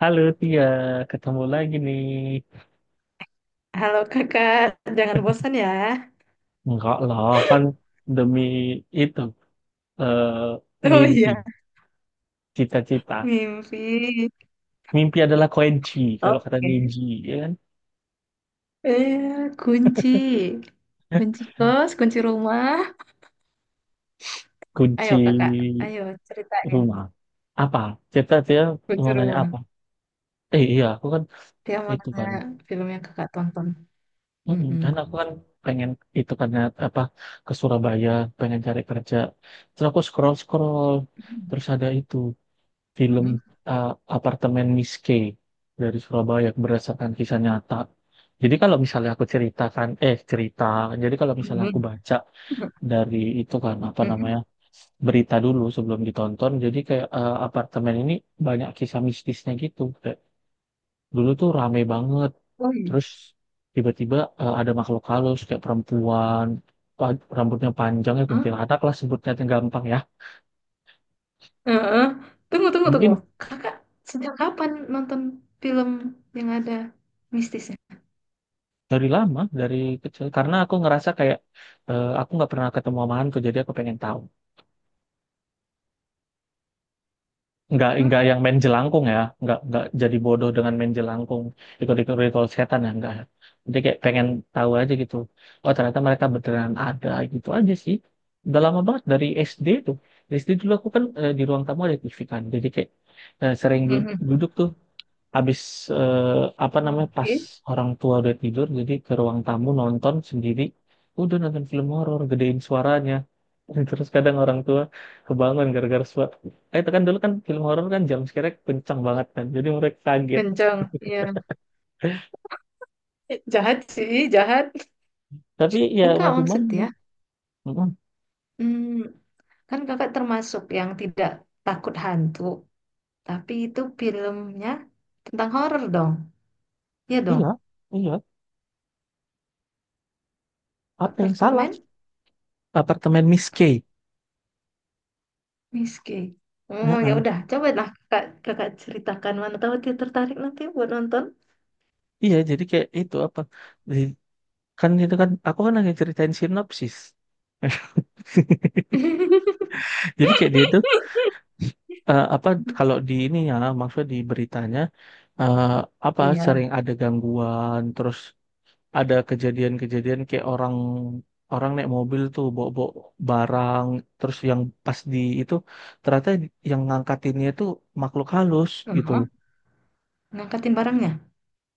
Halo Tia, ketemu lagi nih. Halo kakak, jangan bosan ya. Enggak lah, kan demi itu eh, Oh mimpi, iya, cita-cita. mimpi. Mimpi adalah kunci, kalau kata Oke. Niji, ya kan? Eh, kunci. Kunci kos, kunci rumah. Kunci Ayo kakak, ayo ceritain rumah. Apa? Cita-cita kunci mau nanya rumah. apa? Eh iya, aku kan Dia mau itu tanya kan. film yang kakak tonton. Mm-mm. Kan aku kan pengen itu kan ya, apa ke Surabaya, pengen cari kerja. Terus aku scroll-scroll, terus ada itu. Film Mm-mm. uh, Apartemen Miss K dari Surabaya berdasarkan kisah nyata. Jadi kalau misalnya aku ceritakan, cerita, jadi kalau misalnya aku Mm-mm. baca dari itu kan apa Mm-mm. namanya berita dulu sebelum ditonton, jadi kayak apartemen ini banyak kisah mistisnya gitu. Kayak dulu tuh rame banget, Oh iya. terus tiba-tiba ada makhluk halus kayak perempuan, rambutnya panjang ya Hah? kuntilanak lah sebutnya yang gampang ya. Eh, tunggu, tunggu, tunggu. Mungkin Kakak sejak kapan nonton film yang ada mistisnya? dari lama, dari kecil. Karena aku ngerasa kayak aku nggak pernah ketemu sama hantu, jadi aku pengen tahu. Hah? Nggak yang main jelangkung ya, nggak jadi bodoh dengan main jelangkung, ikut-ikut ritual setan ya, nggak. Jadi kayak pengen tahu aja gitu. Oh ternyata mereka beneran ada gitu aja sih. Udah lama banget dari SD tuh. Dari SD dulu aku kan di ruang tamu ada TV kan, jadi kayak sering Mm-mm. duduk tuh. Habis eh, apa namanya pas Oke. orang tua udah tidur jadi ke ruang tamu nonton sendiri, udah nonton film horor gedein suaranya terus kadang orang tua kebangun gara-gara suara, itu kan dulu kan film horor kan jam scare kencang banget kan jadi mereka kaget, Kencang. Iya. Eh, jahat sih, jahat. tapi ya mau Enggak gimana. maksudnya. Mm-mm. Hmm, kan kakak termasuk yang tidak takut hantu. Tapi itu filmnya tentang horor dong. Iya dong. Iya, iya, apa yang salah, Apartemen apartemen Miss K. Miski. Oh ya Heeh. udah, coba lah kakak ceritakan mana tahu dia tertarik nanti buat nonton. Iya jadi kayak itu apa, Di- kan itu kan aku kan lagi ceritain sinopsis. Jadi kayak dia tuh apa, kalau di ini ya, maksudnya di beritanya eh, apa, Iya. sering ada gangguan, terus ada kejadian-kejadian kayak orang, orang naik mobil tuh bawa-bawa barang, terus yang pas di itu ternyata yang ngangkatinnya itu makhluk halus gitu. Heeh. Ngangkatin barangnya.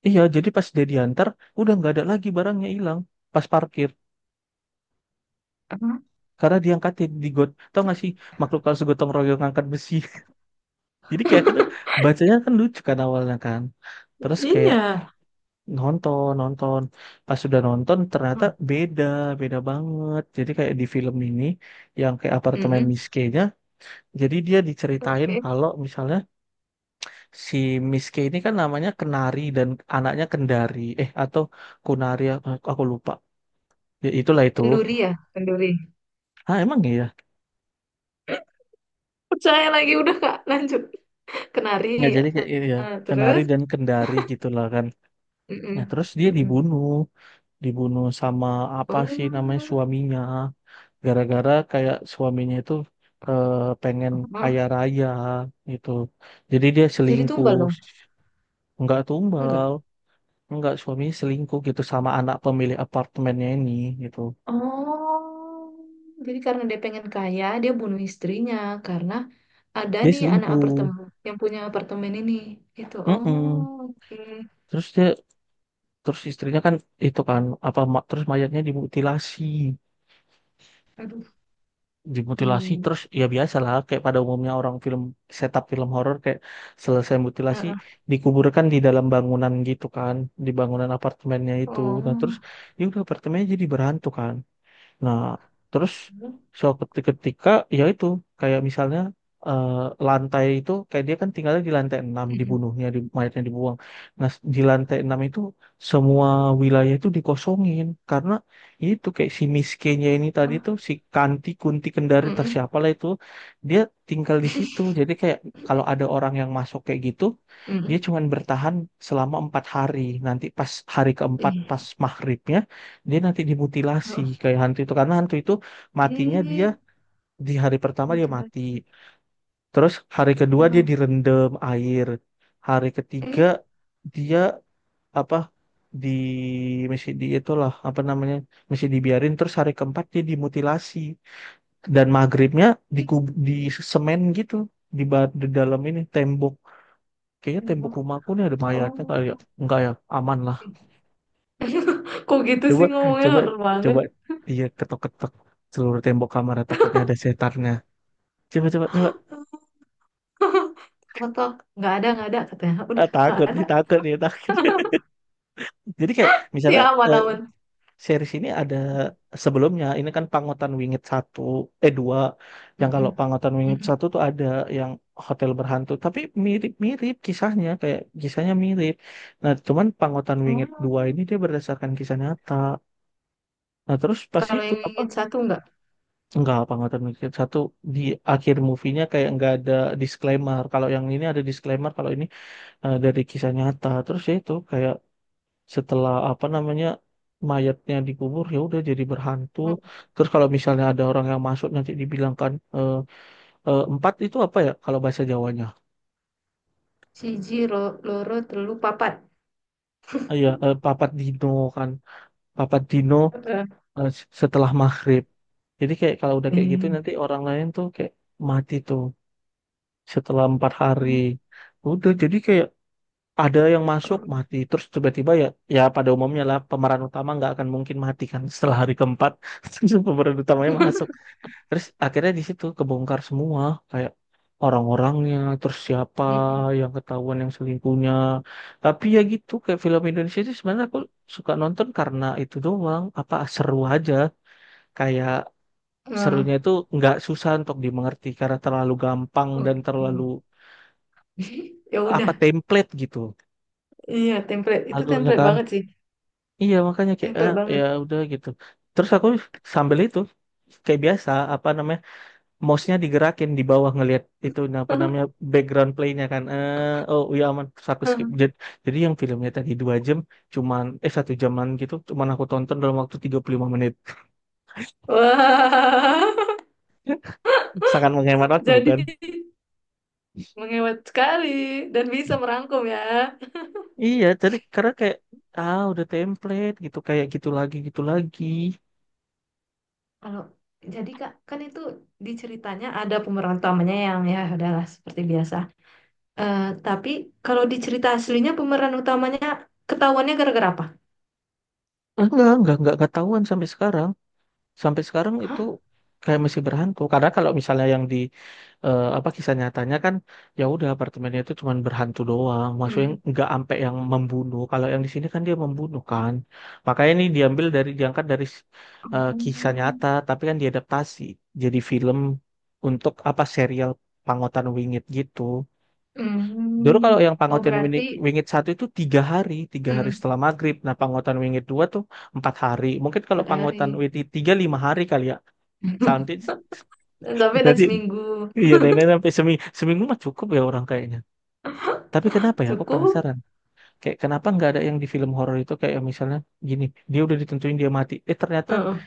Iya, jadi pas dia diantar udah nggak ada lagi, barangnya hilang pas parkir, Heeh. karena diangkatin di got, tau nggak sih, makhluk halus gotong royong ngangkat besi. Jadi kayak gitu, bacanya kan lucu kan awalnya kan. Terus kayak Iya, nonton nonton pas sudah nonton ternyata beda, beda banget, jadi kayak di film ini yang kayak apartemen Mm-mm. Miss K-nya, jadi dia diceritain Oke. kalau misalnya si Miss K ini kan namanya Kenari, dan anaknya Kendari atau Kunari, aku lupa, ya itulah itu, Kenduri ya, kenduri. ah emang iya, Percaya lagi udah kak, lanjut. ya Kenari. jadi kayak iya, Nah, Kenari terus dan Kendari gitulah kan. Nah Mm-mm. terus dia Mm-mm. dibunuh, dibunuh sama apa sih namanya Oh. suaminya, gara-gara kayak suaminya itu eh, pengen Oh, kaya raya gitu, jadi dia jadi selingkuh. tumbal dong. Nggak Enggak. tumbal, nggak, suaminya selingkuh gitu sama anak pemilik apartemennya ini gitu, Oh, jadi karena dia pengen kaya dia bunuh istrinya karena ada dia nih anak selingkuh. apartemen yang punya apartemen ini gitu. Oh. Mm-mm. Oke. Terus dia, terus istrinya kan itu kan apa terus mayatnya dimutilasi, Aduh. dimutilasi, Ih. terus ya biasa lah kayak pada umumnya orang film, setup film horor kayak selesai mutilasi Ah, ah. dikuburkan di dalam bangunan gitu kan, di bangunan apartemennya itu, nah terus Oh. ya udah apartemennya jadi berhantu kan. Nah, terus suatu ketika, ya itu kayak misalnya eh, lantai itu kayak dia kan tinggalnya di lantai 6, Mm-mm. dibunuhnya di, mayatnya dibuang. Nah, di lantai 6 itu semua wilayah itu dikosongin karena itu kayak si miskinnya ini tadi tuh, Ah, si Kanti Kunti Kendari atau mm-mm. siapalah itu dia tinggal di situ. Jadi kayak kalau ada orang yang masuk kayak gitu, dia Mm-mm. cuman bertahan selama 4 hari. Nanti pas hari keempat Ih. pas maghribnya, dia nanti dimutilasi Ah. kayak hantu itu, karena hantu itu matinya dia Ih, di hari pertama dia mati, mutilasi. terus hari kedua dia Hmm. direndam air, hari ketiga Eh, dia apa, di, masih di itulah apa namanya, masih dibiarin, terus hari keempat dia dimutilasi dan maghribnya di ih. di semen gitu di, di dalam ini tembok. Kayaknya tembok rumahku nih ada mayatnya kali ya, Oh, enggak ya, aman lah. Kok gitu Coba, sih ngomongnya coba, horor banget. coba. Iya, ketok-ketok seluruh tembok kamar takutnya ada setannya. Coba, coba, coba. Ketok, nggak ada katanya. Ah, Udah, nggak takut ada. nih, takut nih, takut. Jadi kayak misalnya Ya, aman-aman. series ini ada sebelumnya, ini kan Pangotan Wingit satu, dua. Yang kalau Mm-mm, Pangotan Wingit mm-mm. satu tuh ada yang hotel berhantu, tapi mirip-mirip kisahnya, kayak kisahnya mirip. Nah, cuman Pangotan Oh, Wingit dua ini dia berdasarkan kisah nyata. Nah, terus pas Kalau itu yang apa, ingin satu nggak? enggak, apa nggak termikir. Satu di akhir movie-nya kayak nggak ada disclaimer. Kalau yang ini ada disclaimer, kalau ini dari kisah nyata. Terus ya itu kayak setelah apa namanya mayatnya dikubur ya udah jadi berhantu. Oh, Terus kalau misalnya ada orang yang masuk nanti dibilangkan empat itu apa ya kalau bahasa Jawanya? Siji, lo, loro, telu, papat. Ah, iya, papat dino kan. Papat dino Eh, setelah maghrib. Jadi kayak kalau udah kayak gitu eh. nanti orang lain tuh kayak mati tuh setelah 4 hari. Udah jadi kayak ada yang masuk mati, terus tiba-tiba ya, ya pada umumnya lah pemeran utama nggak akan mungkin mati kan setelah hari keempat. Pemeran utamanya masuk, terus akhirnya di situ kebongkar semua kayak orang-orangnya, terus siapa Mm-mm. yang ketahuan yang selingkuhnya. Tapi ya gitu kayak film Indonesia itu sebenarnya aku suka nonton karena itu doang, apa, seru aja, kayak Nah. serunya itu nggak susah untuk dimengerti karena terlalu gampang dan terlalu Oke. Ya apa, udah. template gitu, Iya, template. Itu alurnya template kan. banget sih. Iya makanya kayak ah, Template ya banget. udah gitu. Terus aku sambil itu kayak biasa apa namanya, mouse-nya digerakin di bawah ngelihat itu, nah, apa namanya, background play-nya kan. Eh, oh iya aman. Terus aku skip. Jadi, yang filmnya tadi dua jam cuman satu jaman gitu cuman aku tonton dalam waktu 35 menit. Wah. Sangat menghemat waktu Jadi bukan? Menghemat sekali dan bisa merangkum ya. Iya jadi karena kayak ah udah template gitu kayak gitu lagi gitu lagi. Kalau jadi Kak, kan itu di ceritanya ada pemeran utamanya yang ya udahlah seperti biasa. Eh, tapi kalau di cerita aslinya pemeran utamanya ketahuannya gara-gara apa? Enggak ketahuan sampai sekarang. Sampai sekarang itu Hah? kayak masih berhantu, karena kalau misalnya yang di apa, kisah nyatanya kan ya udah apartemennya itu cuman berhantu doang, maksudnya Mm-mm. nggak ampe yang membunuh. Kalau yang di sini kan dia membunuh kan, makanya ini diambil dari, diangkat dari kisah nyata tapi kan diadaptasi jadi film untuk apa serial Pangotan Wingit gitu. Dulu kalau Mm. yang Oh Pangotan berarti Wingit, Wingit satu itu 3 hari, 3 hari mm, setelah maghrib. Nah Pangotan Wingit dua tuh 4 hari, mungkin kalau empat Pangotan hari. Wingit tiga 5 hari kali ya. Santai. Dan Sampai dan Nanti seminggu iya nenek sampai seminggu, seminggu mah cukup ya orang kayaknya. Tapi kenapa ya? Aku cukup. penasaran. Kayak kenapa nggak ada yang di film horor itu kayak misalnya gini, dia udah ditentuin dia mati. Eh ternyata Heeh.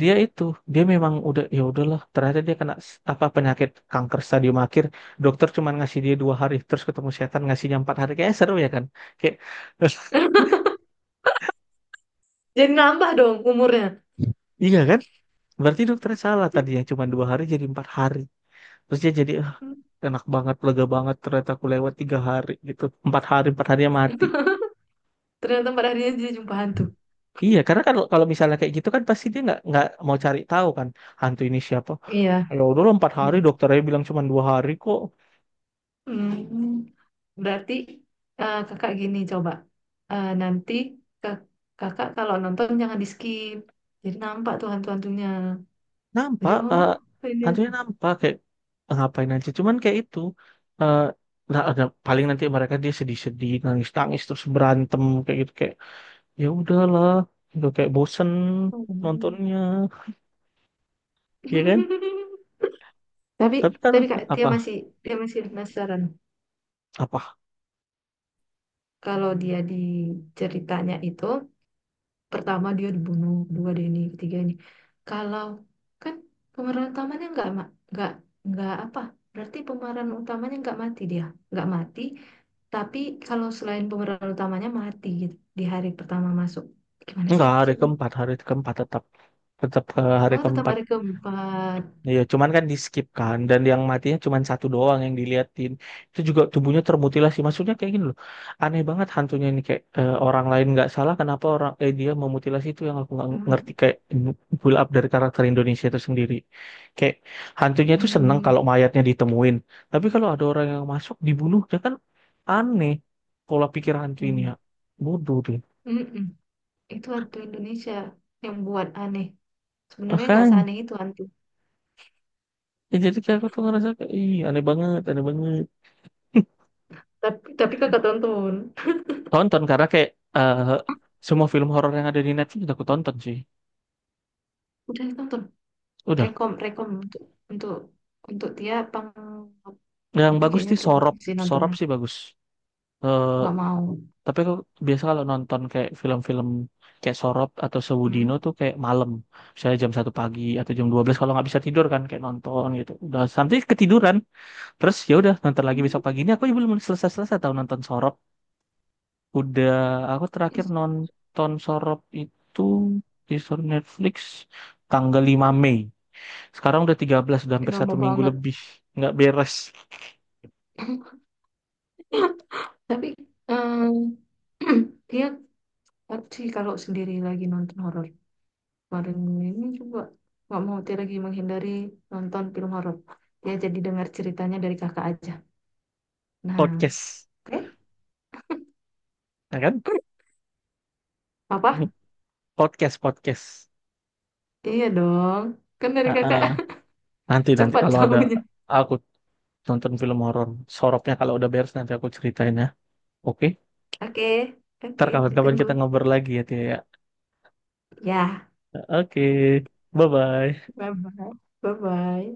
dia itu dia memang udah, ya udahlah. Ternyata dia kena apa, penyakit kanker stadium akhir. Dokter cuma ngasih dia 2 hari, terus ketemu setan ngasihnya 4 hari. Kayak seru ya kan? Kayak Jadi nambah dong umurnya. iya kan? Berarti dokternya salah, tadi yang cuma 2 hari jadi 4 hari. Terus dia jadi, "Ah, Mm. enak banget, lega banget ternyata aku lewat 3 hari gitu, 4 hari, 4 harinya mati." Ternyata pada harinya dia jumpa hantu. Iya karena kalau kalau misalnya kayak gitu kan pasti dia nggak mau cari tahu kan hantu ini siapa, Iya. ya udah lah, 4 hari, dokternya bilang cuma 2 hari kok. Mm. Berarti kakak gini coba. Eh, nanti kak- kakak kalau nonton jangan di skip. Jadi nampak tuh hantu-hantunya. Jadi, Nampak oh, ini hantunya hantu. nampak kayak, "Eh, ngapain aja cuman kayak itu eh, nah, ada paling nanti mereka dia sedih-sedih, nangis-nangis, terus berantem kayak gitu." Kayak ya udahlah, udah kayak bosen nontonnya, ya kan. Tapi Tapi kan tapi kak apa, dia masih penasaran. apa, Kalau dia di ceritanya itu pertama dia dibunuh, kedua dia ini, ketiga ini. Kalau kan pemeran utamanya nggak nggak apa? Berarti pemeran utamanya nggak mati dia, nggak mati. Tapi kalau selain pemeran utamanya mati gitu di hari pertama masuk. Gimana sih enggak, maksudnya? Hari keempat tetap, tetap ke hari Oh, tetap keempat. hari keempat. Ya, cuman kan di skip kan, dan yang matinya cuman satu doang yang diliatin. Itu juga tubuhnya termutilasi. Maksudnya kayak gini loh. Aneh banget hantunya ini kayak orang lain nggak salah, kenapa orang dia memutilasi, itu yang aku nggak ngerti Hmm. kayak pull up dari karakter Indonesia itu sendiri. Kayak hantunya itu seneng Hmm. kalau mayatnya ditemuin. Tapi kalau ada orang yang masuk dibunuh, dia kan aneh pola pikir hantu ini ya. Bodoh Mm-mm. Itu hantu Indonesia yang buat aneh. Sebenarnya nggak deh. seaneh itu hantu. Ya, jadi kayak aku tuh ngerasa kayak ih aneh banget, aneh banget. Tapi kakak tonton. Tonton karena kayak eh, semua film horor yang ada di Netflix udah aku tonton sih. Udah tonton. Udah. Rekom, rekom untuk untuk untuk dia pang. Yang Tapi bagus kayaknya sih dia Sorop, takut sih Sorop nontonnya. sih bagus. Eh, Nggak mau. tapi aku biasa kalau nonton kayak film-film kayak Sorop atau Sewudino Hmm. tuh kayak malam. Misalnya jam 1 pagi atau jam 12 kalau nggak bisa tidur kan kayak nonton gitu. Udah sampai ketiduran. Terus ya udah nonton lagi besok Hmm. paginya aku belum selesai-selesai tahu nonton Sorop. Udah, aku Ih, terakhir nonton Sorop itu di Netflix tanggal 5 Mei. Sekarang udah 13, udah hampir nggak satu mau minggu banget. lebih. Nggak beres Tapi eh, dia. Tapi sih kalau sendiri lagi nonton horor kemarin ini juga nggak mau Tia lagi menghindari nonton film horor. Dia jadi dengar ceritanya dari kakak aja. Nah. podcast. Oke. Ya kan? Apa? Podcast, podcast. Iya dong, kan dari Ah, kakak ah. Nanti, nanti cepat kalau ada tahunya. aku nonton film horor. Soropnya kalau udah beres nanti aku ceritain ya. Oke? Oke, Ntar oke, kapan-kapan ditunggu. kita ngobrol lagi ya, Tia. Ya. Ya, Oke. Bye-bye. bye bye, bye bye.